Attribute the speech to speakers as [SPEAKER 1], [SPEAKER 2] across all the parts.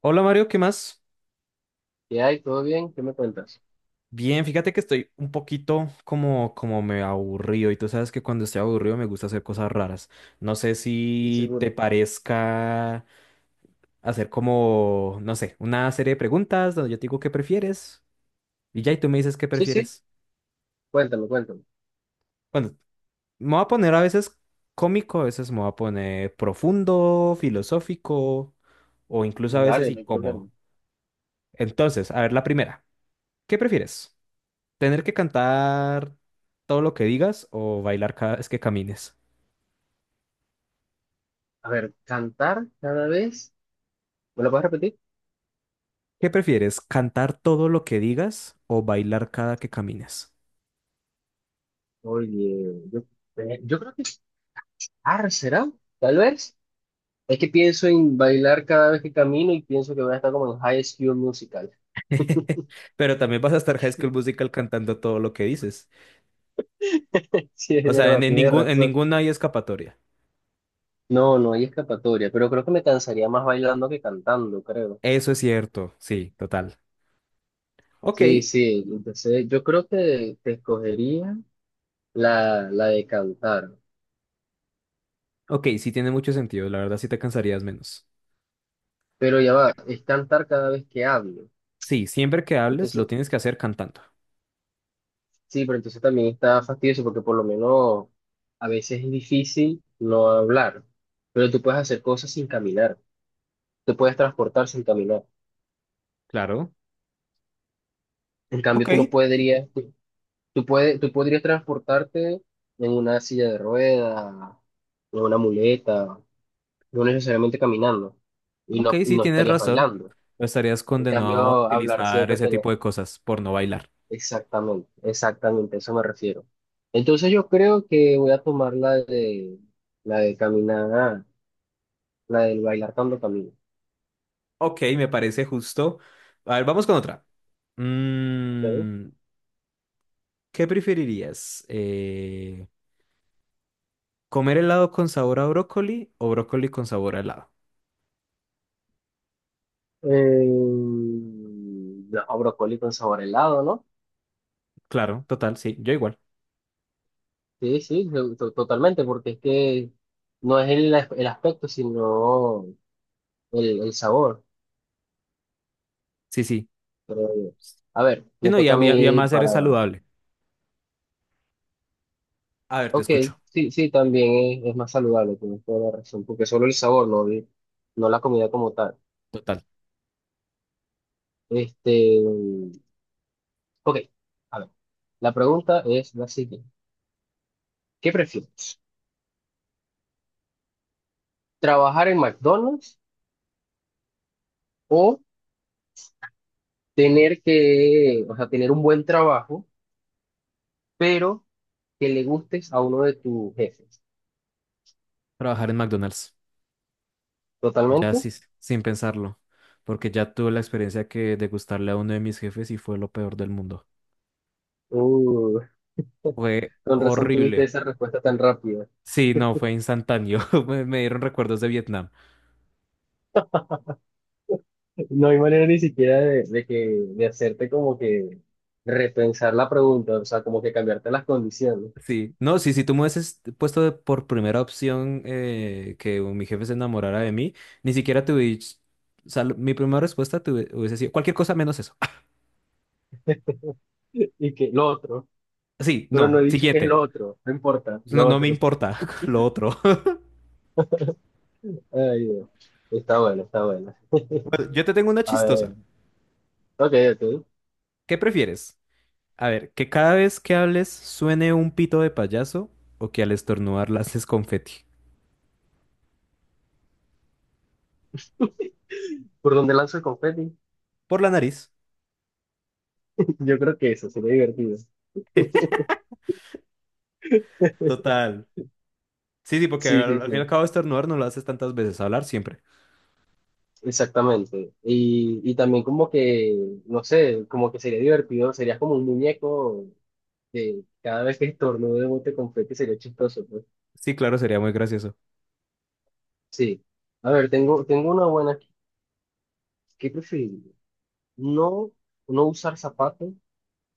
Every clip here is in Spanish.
[SPEAKER 1] Hola Mario, ¿qué más?
[SPEAKER 2] ¿Qué hay? ¿Todo bien? ¿Qué me cuentas?
[SPEAKER 1] Bien, fíjate que estoy un poquito como me aburrido y tú sabes que cuando estoy aburrido me gusta hacer cosas raras. No sé
[SPEAKER 2] Sí,
[SPEAKER 1] si te
[SPEAKER 2] seguro.
[SPEAKER 1] parezca hacer como, no sé, una serie de preguntas donde yo te digo qué prefieres y ya y tú me dices qué
[SPEAKER 2] Sí, sí,
[SPEAKER 1] prefieres.
[SPEAKER 2] cuéntame, cuéntame.
[SPEAKER 1] Bueno, me voy a poner a veces cómico, a veces me voy a poner profundo, filosófico o incluso a veces
[SPEAKER 2] Dale, no hay
[SPEAKER 1] incómodo.
[SPEAKER 2] problema.
[SPEAKER 1] Entonces, a ver la primera. ¿Qué prefieres? ¿Tener que cantar todo lo que digas o bailar cada vez que camines?
[SPEAKER 2] A ver, cantar cada vez. ¿Me lo puedes repetir?
[SPEAKER 1] ¿Qué prefieres? ¿Cantar todo lo que digas o bailar cada que camines?
[SPEAKER 2] Oye, yo creo que. Ah, ¿será? Tal vez. Es que pienso en bailar cada vez que camino y pienso que voy a estar como en High School Musical.
[SPEAKER 1] Pero también vas a estar High School Musical cantando todo lo que dices.
[SPEAKER 2] Sí, es
[SPEAKER 1] O sea, en,
[SPEAKER 2] verdad,
[SPEAKER 1] en
[SPEAKER 2] tienes
[SPEAKER 1] ningún, en
[SPEAKER 2] razón.
[SPEAKER 1] ninguna hay escapatoria.
[SPEAKER 2] No, no hay escapatoria, pero creo que me cansaría más bailando que cantando, creo.
[SPEAKER 1] Eso es cierto, sí, total. Ok,
[SPEAKER 2] Sí, sí, entonces yo creo que te escogería la de cantar.
[SPEAKER 1] ok, sí tiene mucho sentido. La verdad sí te cansarías menos.
[SPEAKER 2] Pero ya va, es cantar cada vez que hablo.
[SPEAKER 1] Sí, siempre que hables lo
[SPEAKER 2] Entonces,
[SPEAKER 1] tienes que hacer cantando.
[SPEAKER 2] sí, pero entonces también está fastidioso porque por lo menos a veces es difícil no hablar, pero tú puedes hacer cosas sin caminar, te puedes transportar sin caminar.
[SPEAKER 1] Claro.
[SPEAKER 2] En
[SPEAKER 1] Ok,
[SPEAKER 2] cambio, tú no podrías, tú puedes, tú podrías transportarte en una silla de ruedas, en una muleta, no necesariamente caminando y
[SPEAKER 1] ok,
[SPEAKER 2] no, y
[SPEAKER 1] sí
[SPEAKER 2] no
[SPEAKER 1] tienes
[SPEAKER 2] estarías
[SPEAKER 1] razón.
[SPEAKER 2] bailando.
[SPEAKER 1] No estarías
[SPEAKER 2] En cambio,
[SPEAKER 1] condenado a
[SPEAKER 2] hablar
[SPEAKER 1] utilizar
[SPEAKER 2] siempre
[SPEAKER 1] ese
[SPEAKER 2] estaría.
[SPEAKER 1] tipo de cosas por no bailar.
[SPEAKER 2] Exactamente, exactamente, a eso me refiero. Entonces yo creo que voy a tomar la de caminar, la del bailar cuando camino.
[SPEAKER 1] Ok, me parece justo. A ver, vamos con otra.
[SPEAKER 2] Ok.
[SPEAKER 1] Mm, ¿Qué preferirías? ¿Comer helado con sabor a brócoli o brócoli con sabor a helado?
[SPEAKER 2] No, brócoli con sabor a helado, ¿no?
[SPEAKER 1] Claro, total, sí, yo igual.
[SPEAKER 2] Sí, sí, totalmente, porque es que no es el aspecto, sino el sabor.
[SPEAKER 1] Sí, sí.
[SPEAKER 2] Creo A ver,
[SPEAKER 1] Y
[SPEAKER 2] me
[SPEAKER 1] no, y,
[SPEAKER 2] toca
[SPEAKER 1] a-
[SPEAKER 2] a
[SPEAKER 1] y a- y
[SPEAKER 2] mí
[SPEAKER 1] además eres
[SPEAKER 2] para...
[SPEAKER 1] saludable. A ver, te
[SPEAKER 2] Ok,
[SPEAKER 1] escucho.
[SPEAKER 2] sí, sí, también es más saludable, tienes toda la razón, porque solo el sabor, no, no la comida como tal.
[SPEAKER 1] Total.
[SPEAKER 2] Este, ok, a ver, la pregunta es la siguiente. ¿Qué prefieres? ¿Trabajar en McDonald's o tener que, o sea, tener un buen trabajo, pero que le gustes a uno de tus jefes?
[SPEAKER 1] Trabajar en McDonald's. Ya
[SPEAKER 2] ¿Totalmente?
[SPEAKER 1] sí, sin pensarlo. Porque ya tuve la experiencia que de gustarle a uno de mis jefes y fue lo peor del mundo.
[SPEAKER 2] Uh,
[SPEAKER 1] Fue
[SPEAKER 2] con razón tuviste
[SPEAKER 1] horrible.
[SPEAKER 2] esa respuesta tan rápida.
[SPEAKER 1] Sí, no, fue instantáneo. Me dieron recuerdos de Vietnam.
[SPEAKER 2] No hay manera ni siquiera de, de hacerte como que repensar la pregunta, o sea, como que cambiarte las condiciones.
[SPEAKER 1] Sí, no, sí, si tú me hubieses puesto por primera opción, que mi jefe se enamorara de mí. Ni siquiera te hubies- O sea, mi primera respuesta te hubiese sido cualquier cosa menos eso.
[SPEAKER 2] Y que lo otro,
[SPEAKER 1] Sí,
[SPEAKER 2] pero no
[SPEAKER 1] no,
[SPEAKER 2] he dicho que es
[SPEAKER 1] siguiente.
[SPEAKER 2] lo otro, no importa,
[SPEAKER 1] No,
[SPEAKER 2] lo
[SPEAKER 1] no me
[SPEAKER 2] otro.
[SPEAKER 1] importa lo otro.
[SPEAKER 2] Ay, Dios. Está bueno, está bueno.
[SPEAKER 1] Bueno, yo te tengo una
[SPEAKER 2] A ver,
[SPEAKER 1] chistosa.
[SPEAKER 2] ok, ok.
[SPEAKER 1] ¿Qué prefieres? A ver, que cada vez que hables suene un pito de payaso o que al estornudar lances confeti
[SPEAKER 2] ¿Por dónde lanzo el confeti?
[SPEAKER 1] por la nariz.
[SPEAKER 2] Yo creo que eso sería divertido.
[SPEAKER 1] Total. Sí, sí, porque
[SPEAKER 2] Sí, sí,
[SPEAKER 1] al
[SPEAKER 2] sí,
[SPEAKER 1] fin y al cabo estornudar no lo haces tantas veces, hablar siempre.
[SPEAKER 2] exactamente. Y también como que, no sé, como que sería divertido, sería como un muñeco que cada vez que estornude bote confeti sería chistoso, pues.
[SPEAKER 1] Sí, claro, sería muy gracioso.
[SPEAKER 2] Sí. A ver, tengo una buena aquí. ¿Qué prefieres? No, no usar zapatos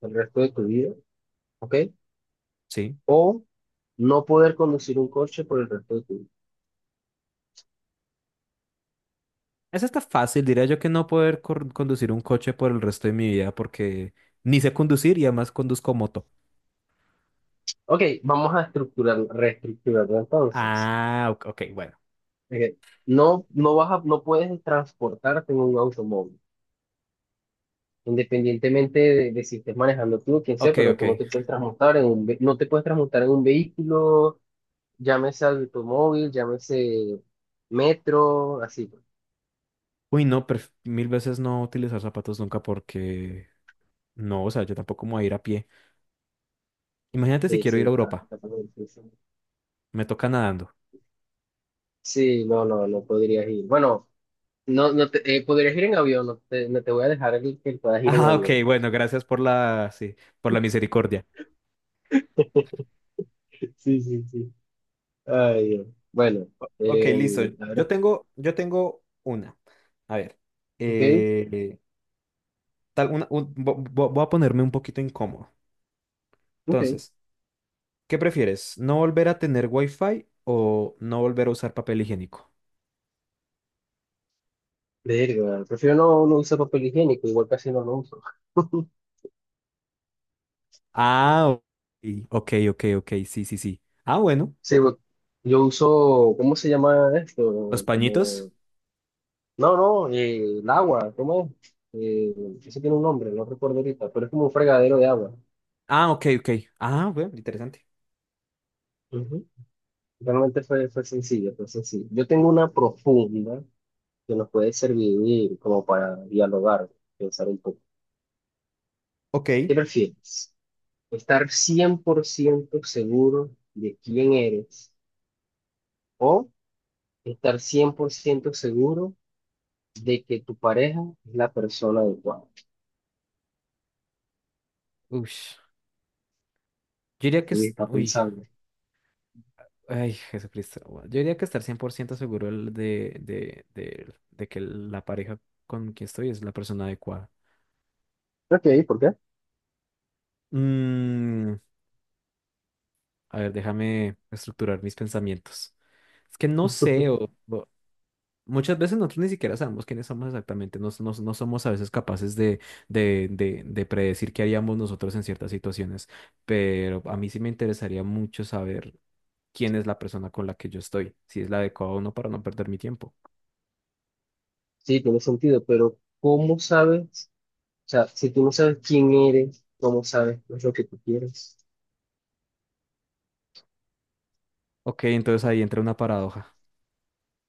[SPEAKER 2] el resto de tu vida, ¿ok?
[SPEAKER 1] Sí.
[SPEAKER 2] O no poder conducir un coche por el resto de tu vida.
[SPEAKER 1] Esa está fácil, diría yo que no poder conducir un coche por el resto de mi vida porque ni sé conducir y además conduzco moto.
[SPEAKER 2] Ok, vamos a estructurar, reestructurarlo entonces.
[SPEAKER 1] Ah, ok, ok, bueno.
[SPEAKER 2] Ok, No, no puedes transportarte en un automóvil, independientemente de si estés manejando tú o quien sea,
[SPEAKER 1] Ok,
[SPEAKER 2] pero
[SPEAKER 1] ok.
[SPEAKER 2] tú no te puedes transportar no te puedes transportar en un vehículo, llámese automóvil, llámese metro, así, pues.
[SPEAKER 1] Uy, no, mil veces no utilizar zapatos nunca porque no, o sea, yo tampoco me voy a ir a pie. Imagínate si
[SPEAKER 2] Sí,
[SPEAKER 1] quiero
[SPEAKER 2] sí,
[SPEAKER 1] ir a
[SPEAKER 2] está,
[SPEAKER 1] Europa,
[SPEAKER 2] está como difícil.
[SPEAKER 1] me toca nadando.
[SPEAKER 2] Sí, sí, no, no, no podrías ir. Bueno, no, no te, podrías ir en avión, no te voy a dejar que puedas ir en
[SPEAKER 1] Ah, ok,
[SPEAKER 2] avión.
[SPEAKER 1] bueno, gracias por la, sí, por la misericordia.
[SPEAKER 2] Sí, sí, sí. Ay, Dios. Bueno,
[SPEAKER 1] Ok,
[SPEAKER 2] eh,
[SPEAKER 1] listo.
[SPEAKER 2] a
[SPEAKER 1] Yo
[SPEAKER 2] ver,
[SPEAKER 1] tengo, yo tengo una. A ver,
[SPEAKER 2] ok,
[SPEAKER 1] eh, tal, una, un- vo- vo- voy a ponerme un poquito incómodo.
[SPEAKER 2] ok,
[SPEAKER 1] Entonces. ¿Qué prefieres? ¿No volver a tener wifi o no volver a usar papel higiénico?
[SPEAKER 2] verga, prefiero no, no usar papel higiénico, igual casi no lo uso.
[SPEAKER 1] Ah, ok, ok, ok, ok, sí, sí, sí. Ah, bueno.
[SPEAKER 2] Sí, yo uso, ¿cómo se llama
[SPEAKER 1] ¿Los
[SPEAKER 2] esto?
[SPEAKER 1] pañitos?
[SPEAKER 2] Como, no, no, el agua, ¿cómo es? Eso tiene un nombre, no recuerdo ahorita, pero es como un fregadero de agua.
[SPEAKER 1] Ah, ok, ok. Ah, bueno, interesante.
[SPEAKER 2] Ujú. Realmente fue sencillo, fue sencillo. Yo tengo una profunda que nos puede servir como para dialogar, pensar un poco. ¿Qué
[SPEAKER 1] Ok.
[SPEAKER 2] prefieres? Estar 100% seguro de quién eres o estar 100% seguro de que tu pareja es la persona adecuada.
[SPEAKER 1] Uy, yo diría que
[SPEAKER 2] Sí,
[SPEAKER 1] es,
[SPEAKER 2] está
[SPEAKER 1] uy,
[SPEAKER 2] pensando.
[SPEAKER 1] ay, Jesucristo. Bueno, yo diría que estar 100% seguro el de que la pareja con quien estoy es la persona adecuada.
[SPEAKER 2] Ok, ¿por qué?
[SPEAKER 1] Mm, a ver, déjame estructurar mis pensamientos. Es que no sé, muchas veces nosotros ni siquiera sabemos quiénes somos exactamente, no somos a veces capaces de predecir qué haríamos nosotros en ciertas situaciones, pero a mí sí me interesaría mucho saber quién es la persona con la que yo estoy, si es la adecuada o no para no perder mi tiempo.
[SPEAKER 2] Sí, tiene sentido, pero ¿cómo sabes? O sea, si tú no sabes quién eres, ¿cómo sabes qué es lo que tú quieres?
[SPEAKER 1] Ok, entonces ahí entra una paradoja.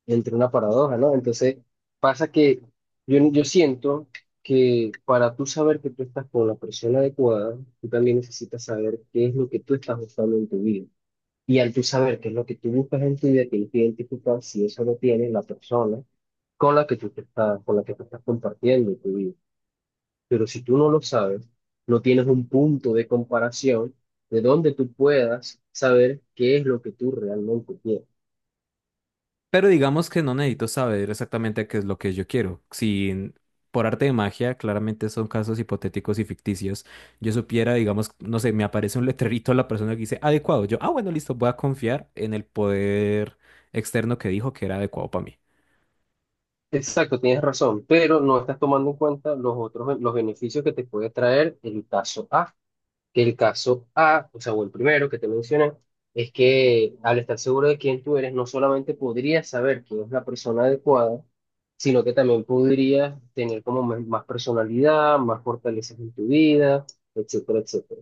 [SPEAKER 2] Entre una paradoja, ¿no? Entonces, pasa que yo siento que para tú saber que tú estás con la persona adecuada, tú también necesitas saber qué es lo que tú estás buscando en tu vida. Y al tú saber qué es lo que tú buscas en tu vida, tienes que identificar si eso lo tiene la persona con la que tú estás compartiendo tu vida. Pero si tú no lo sabes, no tienes un punto de comparación de donde tú puedas saber qué es lo que tú realmente quieres.
[SPEAKER 1] Pero digamos que no necesito saber exactamente qué es lo que yo quiero. Si en- Por arte de magia, claramente son casos hipotéticos y ficticios, yo supiera, digamos, no sé, me aparece un letrerito a la persona que dice adecuado. Yo, ah, bueno, listo, voy a confiar en el poder externo que dijo que era adecuado para mí.
[SPEAKER 2] Exacto, tienes razón, pero no estás tomando en cuenta los otros, los beneficios que te puede traer el caso A. Que el caso A, o sea, o el primero que te mencioné, es que al estar seguro de quién tú eres, no solamente podrías saber quién es la persona adecuada, sino que también podrías tener como más personalidad, más fortalezas en tu vida, etcétera, etcétera.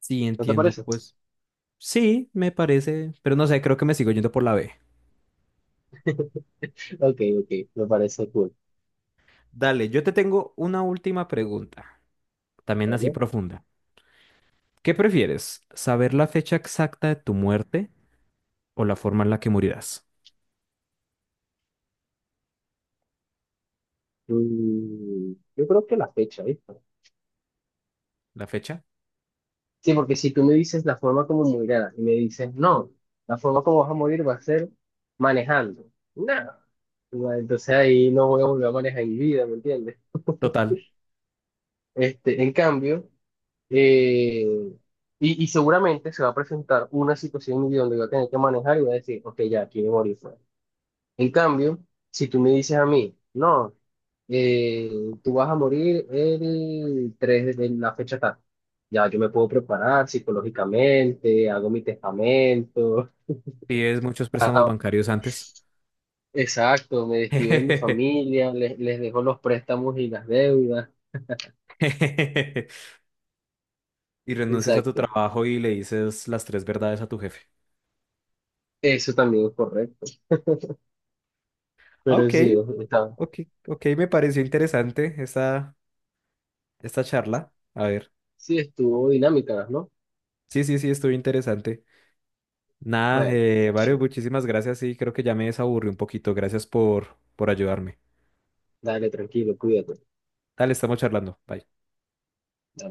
[SPEAKER 1] Sí,
[SPEAKER 2] ¿No te
[SPEAKER 1] entiendo,
[SPEAKER 2] parece?
[SPEAKER 1] pues sí, me parece, pero no sé, creo que me sigo yendo por la B.
[SPEAKER 2] Ok, ok, me parece cool.
[SPEAKER 1] Dale, yo te tengo una última pregunta, también así
[SPEAKER 2] ¿Vale?
[SPEAKER 1] profunda. ¿Qué prefieres? ¿Saber la fecha exacta de tu muerte o la forma en la que morirás?
[SPEAKER 2] Yo creo que la fecha, ¿viste?
[SPEAKER 1] La fecha.
[SPEAKER 2] Sí, porque si tú me dices la forma como morirás y me dices, no, la forma como vas a morir va a ser manejando. Nada. Entonces ahí no voy a volver a manejar en mi vida, ¿me entiendes?
[SPEAKER 1] Total,
[SPEAKER 2] En cambio, eh, y seguramente se va a presentar una situación en mi vida donde voy a tener que manejar y voy a decir, ok, ya, aquí me morí, pues. En cambio, si tú me dices a mí, no, eh, tú vas a morir el 3 de la fecha tal, ya yo me puedo preparar psicológicamente, hago mi testamento,
[SPEAKER 1] pides muchos
[SPEAKER 2] a-
[SPEAKER 1] préstamos
[SPEAKER 2] a-
[SPEAKER 1] bancarios antes.
[SPEAKER 2] exacto, me despido de mi familia, les dejo los préstamos y las deudas,
[SPEAKER 1] Y renuncias a tu
[SPEAKER 2] exacto,
[SPEAKER 1] trabajo y le dices las tres verdades a tu jefe.
[SPEAKER 2] eso también es correcto,
[SPEAKER 1] Ah,
[SPEAKER 2] pero
[SPEAKER 1] ok,
[SPEAKER 2] sí, está,
[SPEAKER 1] ok, ok, me pareció interesante esta charla. A ver,
[SPEAKER 2] sí estuvo dinámica, ¿no?
[SPEAKER 1] sí, sí, sí, estuvo interesante. Nada,
[SPEAKER 2] Bueno, sí,
[SPEAKER 1] Mario, muchísimas gracias y creo que ya me desaburrí un poquito. Gracias por ayudarme.
[SPEAKER 2] dale, tranquilo, cuídate.
[SPEAKER 1] Dale, estamos charlando. Bye.
[SPEAKER 2] Dale.